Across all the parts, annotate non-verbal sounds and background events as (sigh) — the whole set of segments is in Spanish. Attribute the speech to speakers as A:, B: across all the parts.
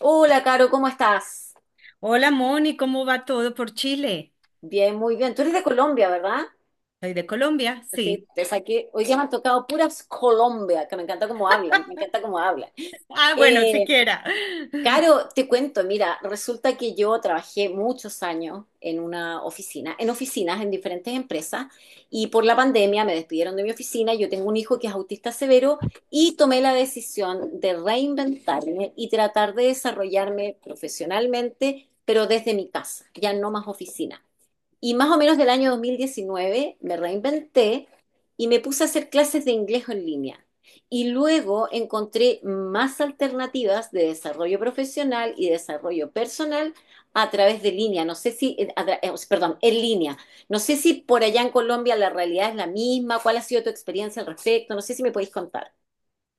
A: Hola, Caro, ¿cómo estás?
B: Hola Moni, ¿cómo va todo por Chile?
A: Bien, muy bien. Tú eres de Colombia, ¿verdad?
B: ¿Soy de Colombia?
A: Sí,
B: Sí.
A: te saqué. Hoy día me han tocado puras Colombia, que me encanta cómo hablan, me encanta cómo hablan.
B: Ah, bueno,
A: Eh,
B: siquiera. (laughs)
A: Caro, te cuento, mira, resulta que yo trabajé muchos años en una oficina, en oficinas, en diferentes empresas, y por la pandemia me despidieron de mi oficina. Yo tengo un hijo que es autista severo y tomé la decisión de reinventarme y tratar de desarrollarme profesionalmente, pero desde mi casa, ya no más oficina. Y más o menos del año 2019 me reinventé y me puse a hacer clases de inglés en línea. Y luego encontré más alternativas de desarrollo profesional y desarrollo personal a través de línea. No sé si, perdón, en línea. No sé si por allá en Colombia la realidad es la misma. ¿Cuál ha sido tu experiencia al respecto? No sé si me podéis contar.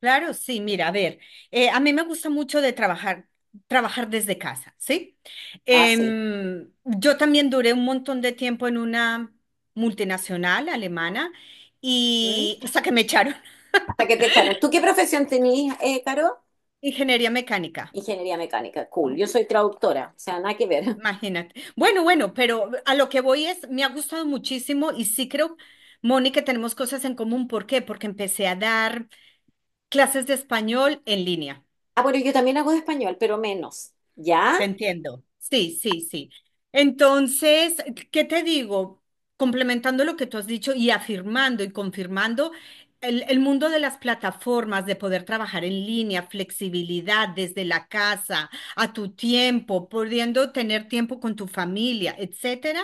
B: Claro, sí, mira, a ver, a mí me gusta mucho de trabajar desde casa, ¿sí?
A: Ah, sí.
B: Yo también duré un montón de tiempo en una multinacional alemana
A: ¿Mm?
B: y hasta que me echaron.
A: Hasta que te echaron. ¿Tú qué profesión tenías, Caro?
B: (laughs) Ingeniería mecánica,
A: Ingeniería mecánica. Cool. Yo soy traductora. O sea, nada que ver.
B: imagínate. Bueno, bueno, pero a lo que voy es, me ha gustado muchísimo y sí creo, Moni, que tenemos cosas en común. ¿Por qué? Porque empecé a dar clases de español en línea.
A: Ah, bueno, yo también hago de español, pero menos, ¿ya?
B: Te entiendo. Sí, sí, sí. Entonces, ¿qué te digo? Complementando lo que tú has dicho y afirmando y confirmando, el mundo de las plataformas, de poder trabajar en línea, flexibilidad desde la casa, a tu tiempo, pudiendo tener tiempo con tu familia, etcétera,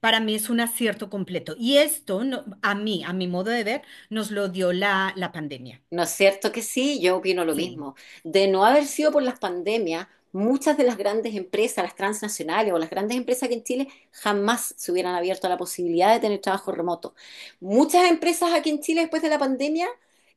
B: para mí es un acierto completo. Y esto, a mí, a mi modo de ver, nos lo dio la pandemia.
A: ¿No es cierto que sí? Yo opino lo
B: Sí.
A: mismo. De no haber sido por las pandemias, muchas de las grandes empresas, las transnacionales o las grandes empresas que en Chile jamás se hubieran abierto a la posibilidad de tener trabajo remoto. Muchas empresas aquí en Chile después de la pandemia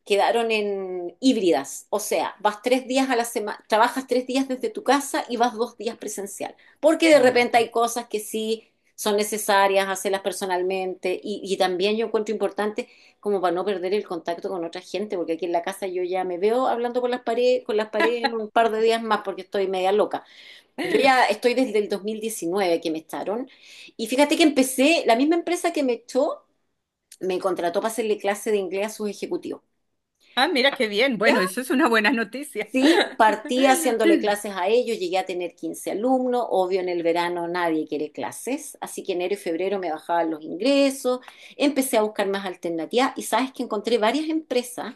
A: quedaron en híbridas, o sea, vas 3 días a la semana, trabajas 3 días desde tu casa y vas 2 días presencial, porque de
B: Oh, de
A: repente hay
B: acuerdo.
A: cosas que sí son necesarias hacerlas personalmente y también yo encuentro importante como para no perder el contacto con otra gente, porque aquí en la casa yo ya me veo hablando con las paredes en un par de días más porque estoy media loca. Yo ya estoy desde el 2019 que me echaron y fíjate que empecé, la misma empresa que me echó me contrató para hacerle clase de inglés a sus ejecutivos.
B: Ah, mira qué bien. Bueno, eso es una buena noticia.
A: Sí, partí haciéndole clases
B: (laughs)
A: a ellos, llegué a tener 15 alumnos, obvio en el verano nadie quiere clases, así que enero y febrero me bajaban los ingresos, empecé a buscar más alternativas y sabes que encontré varias empresas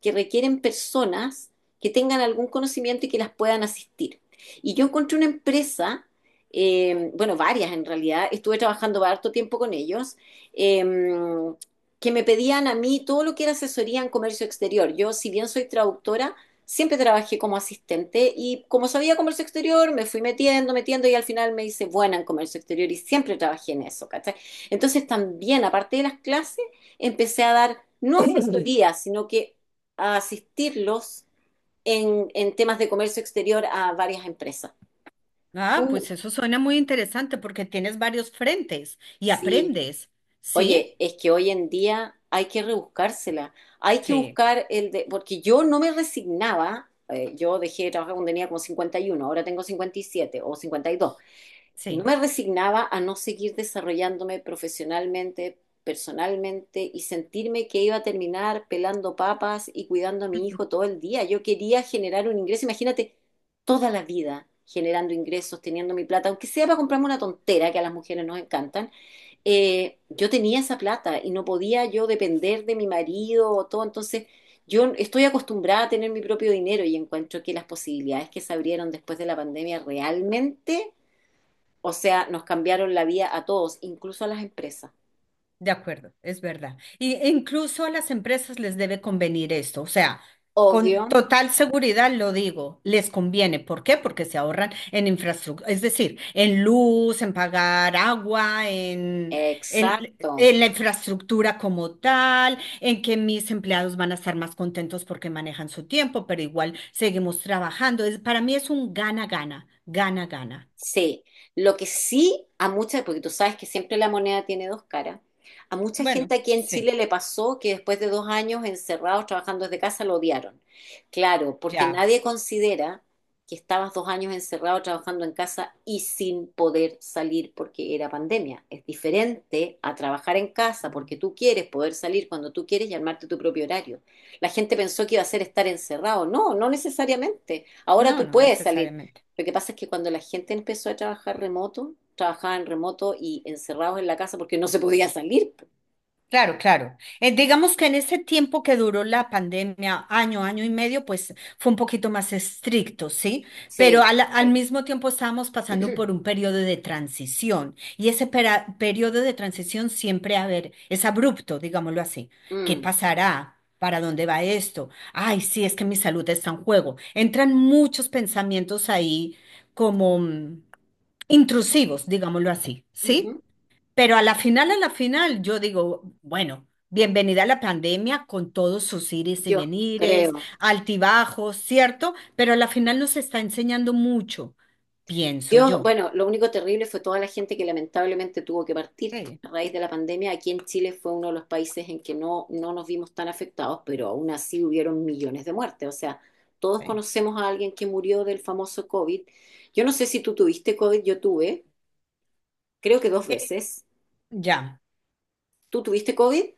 A: que requieren personas que tengan algún conocimiento y que las puedan asistir. Y yo encontré una empresa, bueno, varias en realidad, estuve trabajando harto tiempo con ellos, eh, que me pedían a mí todo lo que era asesoría en comercio exterior. Yo, si bien soy traductora, siempre trabajé como asistente y como sabía comercio exterior, me fui metiendo, metiendo y al final me hice buena en comercio exterior y siempre trabajé en eso, ¿cachai? Entonces también, aparte de las clases, empecé a dar, no asesorías, (clears throat) sino que a asistirlos en temas de comercio exterior a varias empresas.
B: Ah,
A: Tú,
B: pues eso suena muy interesante porque tienes varios frentes y
A: sí.
B: aprendes. ¿Sí?
A: Oye, es que hoy en día hay que rebuscársela, hay que
B: Sí,
A: buscar el de, porque yo no me resignaba, yo dejé de trabajar cuando tenía como 51, ahora tengo 57 o 52. No
B: sí.
A: me resignaba a no seguir desarrollándome profesionalmente, personalmente y sentirme que iba a terminar pelando papas y cuidando a mi hijo
B: (laughs)
A: todo el día. Yo quería generar un ingreso, imagínate, toda la vida generando ingresos, teniendo mi plata, aunque sea para comprarme una tontera que a las mujeres nos encantan. Yo tenía esa plata y no podía yo depender de mi marido o todo. Entonces, yo estoy acostumbrada a tener mi propio dinero y encuentro que las posibilidades que se abrieron después de la pandemia realmente, o sea, nos cambiaron la vida a todos, incluso a las empresas.
B: De acuerdo, es verdad. Y incluso a las empresas les debe convenir esto, o sea, con
A: Obvio,
B: total seguridad lo digo, les conviene. ¿Por qué? Porque se ahorran en infraestructura, es decir, en luz, en pagar agua,
A: exacto.
B: en la infraestructura como tal, en que mis empleados van a estar más contentos porque manejan su tiempo, pero igual seguimos trabajando. Es, para mí es un gana-gana, gana-gana.
A: Sí, lo que sí a muchas, porque tú sabes que siempre la moneda tiene dos caras, a mucha gente
B: Bueno,
A: aquí en
B: sí,
A: Chile le pasó que después de 2 años encerrados trabajando desde casa lo odiaron. Claro, porque
B: ya.
A: nadie considera que estabas 2 años encerrado trabajando en casa y sin poder salir porque era pandemia. Es diferente a trabajar en casa porque tú quieres poder salir cuando tú quieres y armarte tu propio horario. La gente pensó que iba a ser estar encerrado. No, no necesariamente. Ahora
B: No,
A: tú
B: no
A: puedes salir.
B: necesariamente.
A: Lo que pasa es que cuando la gente empezó a trabajar remoto, trabajaban remoto y encerrados en la casa porque no se podía salir.
B: Claro, claro. Digamos que en ese tiempo que duró la pandemia, año, año y medio, pues fue un poquito más estricto, ¿sí? Pero
A: Sí.
B: al
A: Sí.
B: mismo tiempo estábamos pasando por un periodo de transición y ese periodo de transición siempre, a ver, es abrupto, digámoslo así. ¿Qué
A: Mm.
B: pasará? ¿Para dónde va esto? Ay, sí, es que mi salud está en juego. Entran muchos pensamientos ahí como intrusivos, digámoslo así, ¿sí?
A: Ujú.
B: Pero a la final, yo digo, bueno, bienvenida a la pandemia con todos sus ires y
A: Yo
B: venires,
A: creo.
B: altibajos, ¿cierto? Pero a la final nos está enseñando mucho, pienso
A: Dios,
B: yo.
A: bueno, lo único terrible fue toda la gente que lamentablemente tuvo que partir
B: Sí,
A: a raíz de la pandemia. Aquí en Chile fue uno de los países en que no, no nos vimos tan afectados, pero aún así hubieron millones de muertes. O sea, todos
B: sí.
A: conocemos a alguien que murió del famoso COVID. Yo no sé si tú tuviste COVID, yo tuve, creo que dos
B: Eh,
A: veces.
B: ya,
A: ¿Tú tuviste COVID?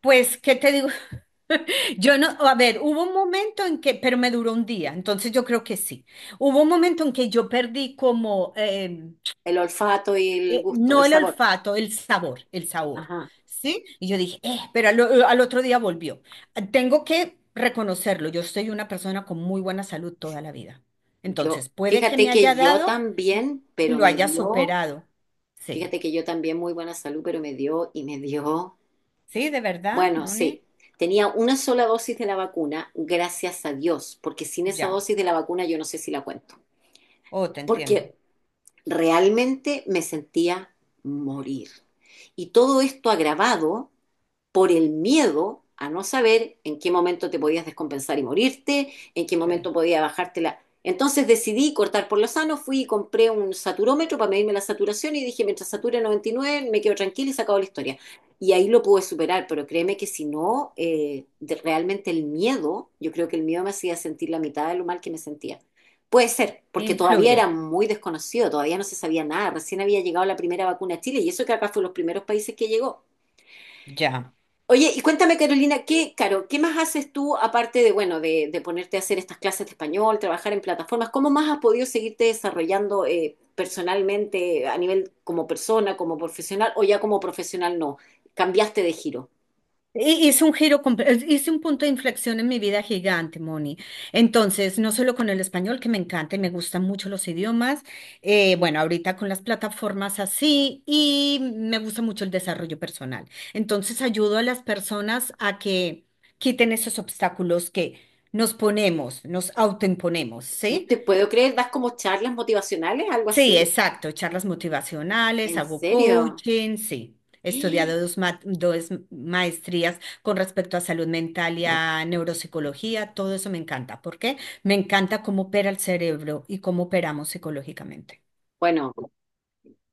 B: pues, ¿qué te digo? (laughs) Yo no, a ver, hubo un momento en que, pero me duró un día, entonces yo creo que sí. Hubo un momento en que yo perdí como,
A: El olfato y el gusto, el
B: no el
A: sabor.
B: olfato, el sabor,
A: Ajá.
B: ¿sí? Y yo dije, pero al otro día volvió. Ah, tengo que reconocerlo, yo soy una persona con muy buena salud toda la vida.
A: Yo,
B: Entonces, puede que
A: fíjate
B: me haya
A: que yo
B: dado
A: también,
B: y
A: pero
B: lo
A: me
B: haya
A: dio,
B: superado. Sí,
A: fíjate que yo también muy buena salud, pero me dio y me dio.
B: sí, de verdad,
A: Bueno,
B: Moni,
A: sí, tenía una sola dosis de la vacuna, gracias a Dios, porque sin esa
B: ya.
A: dosis de la vacuna yo no sé si la cuento,
B: Oh, te entiendo.
A: porque realmente me sentía morir. Y todo esto agravado por el miedo a no saber en qué momento te podías descompensar y morirte, en qué
B: Sí.
A: momento podía bajártela. Entonces decidí cortar por lo sano, fui y compré un saturómetro para medirme la saturación y dije, mientras sature 99 me quedo tranquila y se acabó la historia. Y ahí lo pude superar, pero créeme que si no, realmente el miedo, yo creo que el miedo me hacía sentir la mitad de lo mal que me sentía. Puede ser, porque todavía era
B: Influye,
A: muy desconocido, todavía no se sabía nada, recién había llegado la primera vacuna a Chile y eso que acá fue los primeros países que llegó.
B: ya.
A: Oye, y cuéntame, Carolina, ¿qué, Caro, qué más haces tú aparte de, bueno, de ponerte a hacer estas clases de español, trabajar en plataformas? ¿Cómo más has podido seguirte desarrollando personalmente a nivel como persona, como profesional o ya como profesional no? Cambiaste de giro.
B: Hice un giro, hice un punto de inflexión en mi vida gigante, Moni. Entonces, no solo con el español, que me encanta y me gustan mucho los idiomas, bueno, ahorita con las plataformas así, y me gusta mucho el desarrollo personal. Entonces, ayudo a las personas a que quiten esos obstáculos que nos ponemos, nos autoimponemos,
A: No
B: ¿sí?
A: te puedo creer, das como charlas motivacionales, algo
B: Sí,
A: así.
B: exacto, charlas motivacionales,
A: ¿En
B: hago
A: serio?
B: coaching, sí. He estudiado
A: (gasps)
B: dos maestrías con respecto a salud mental y a neuropsicología, todo eso me encanta. ¿Por qué? Me encanta cómo opera el cerebro y cómo operamos psicológicamente.
A: Bueno,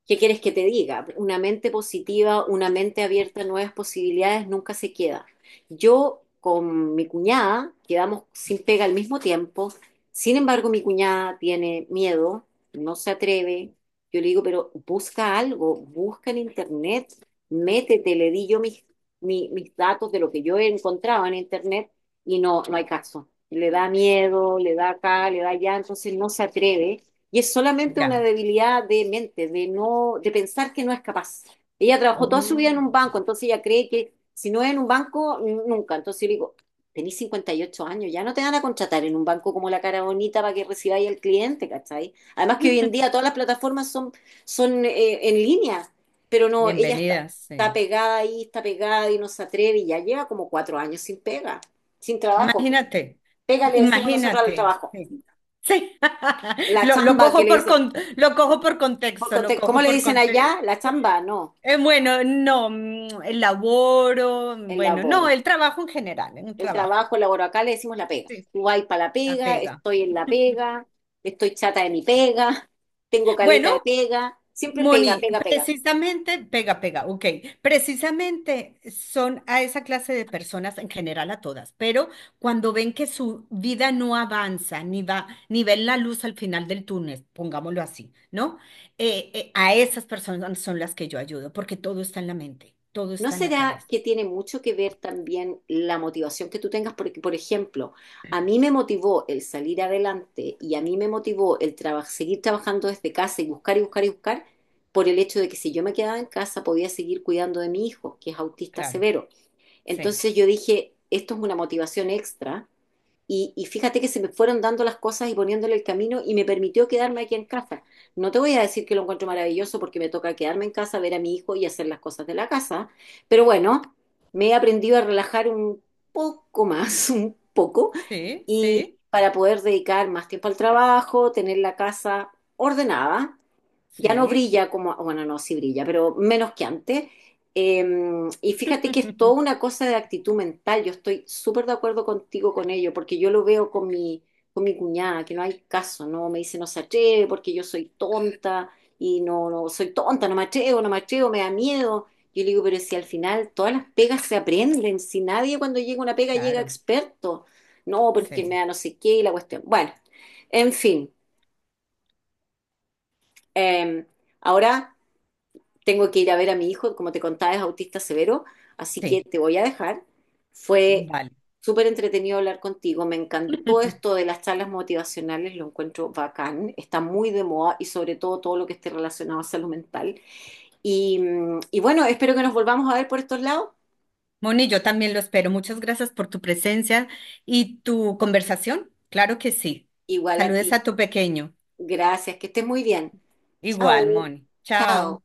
A: ¿qué quieres que te diga? Una mente positiva, una mente abierta a nuevas posibilidades nunca se queda. Yo con mi cuñada quedamos sin pega al mismo tiempo. Sin embargo, mi cuñada tiene miedo, no se atreve. Yo le digo, pero busca algo, busca en internet, métete, le di yo mis datos de lo que yo encontraba en internet y no, no hay caso. Le da miedo, le da acá, le da allá, entonces no se atreve. Y es solamente una
B: Ya.
A: debilidad de mente, de no, de pensar que no es capaz. Ella trabajó toda su vida en un
B: Oh, ya.
A: banco, entonces ella cree que si no es en un banco, nunca. Entonces yo le digo, tenés 58 años, ya no te van a contratar en un banco como la cara bonita para que recibáis al cliente, ¿cachai? Además que hoy en día
B: (laughs)
A: todas las plataformas son en línea, pero no, ella está,
B: Bienvenidas,
A: está
B: sí.
A: pegada ahí, está pegada y no se atreve y ya lleva como 4 años sin pega, sin trabajo.
B: Imagínate,
A: Pega le decimos nosotros al
B: imagínate,
A: trabajo.
B: sí. Sí. (laughs)
A: La
B: Lo, lo
A: chamba que
B: cojo
A: le
B: por
A: dicen.
B: con- lo cojo por contexto, lo
A: ¿Cómo
B: cojo
A: le
B: por
A: dicen
B: contexto.
A: allá? La chamba, no,
B: Bueno, no, el laboro,
A: el
B: bueno, no,
A: laboro.
B: el trabajo en general, en un
A: El
B: trabajo,
A: trabajo, el laboro. Acá le decimos la pega.
B: sí.
A: Tú vas para la
B: La
A: pega,
B: pega.
A: estoy en la pega, estoy chata de mi pega, (laughs) tengo caleta de
B: Bueno,
A: pega. Siempre pega,
B: Moni,
A: pega, pega.
B: precisamente, pega, pega, ok, precisamente son a esa clase de personas, en general a todas, pero cuando ven que su vida no avanza, ni va, ni ven la luz al final del túnel, pongámoslo así, ¿no? A esas personas son las que yo ayudo, porque todo está en la mente, todo
A: ¿No
B: está en la
A: será
B: cabeza,
A: que tiene mucho que ver también la motivación que tú tengas? Porque, por ejemplo, a mí me motivó el salir adelante y a mí me motivó el seguir trabajando desde casa y buscar y buscar y buscar por el hecho de que si yo me quedaba en casa podía seguir cuidando de mi hijo, que es autista
B: claro,
A: severo.
B: sí,
A: Entonces yo dije, esto es una motivación extra. Y fíjate que se me fueron dando las cosas y poniéndole el camino y me permitió quedarme aquí en casa. No te voy a decir que lo encuentro maravilloso porque me toca quedarme en casa, ver a mi hijo y hacer las cosas de la casa. Pero bueno, me he aprendido a relajar un poco más, (laughs) un poco,
B: sí,
A: y
B: sí.
A: para poder dedicar más tiempo al trabajo, tener la casa ordenada, ya no
B: Sí,
A: brilla como, bueno, no, sí brilla, pero menos que antes. Eh, y fíjate que es toda una
B: (laughs)
A: cosa de actitud mental. Yo estoy súper de acuerdo contigo con ello, porque yo lo veo con mi cuñada, que no hay caso, ¿no? Me dice no se atreve porque yo soy tonta y no, no soy tonta, no me atrevo, no me atrevo, me da miedo. Yo le digo, pero si al final todas las pegas se aprenden, si nadie cuando llega una pega llega
B: claro,
A: experto. No, porque me
B: sí,
A: da no sé qué y la cuestión. Bueno, en fin. eh, ahora tengo que ir a ver a mi hijo, como te contaba, es autista severo, así que
B: sí,
A: te voy a dejar. Fue
B: vale.
A: súper entretenido hablar contigo, me encantó esto
B: (laughs)
A: de las charlas motivacionales, lo encuentro bacán, está muy de moda y sobre todo todo lo que esté relacionado a salud mental. Y bueno, espero que nos volvamos a ver por estos lados.
B: Moni, yo también lo espero. Muchas gracias por tu presencia y tu conversación. Claro que sí.
A: Igual a
B: Saludes
A: ti.
B: a tu pequeño.
A: Gracias, que estés muy bien.
B: Igual,
A: Chao,
B: Moni.
A: chao.
B: Chao.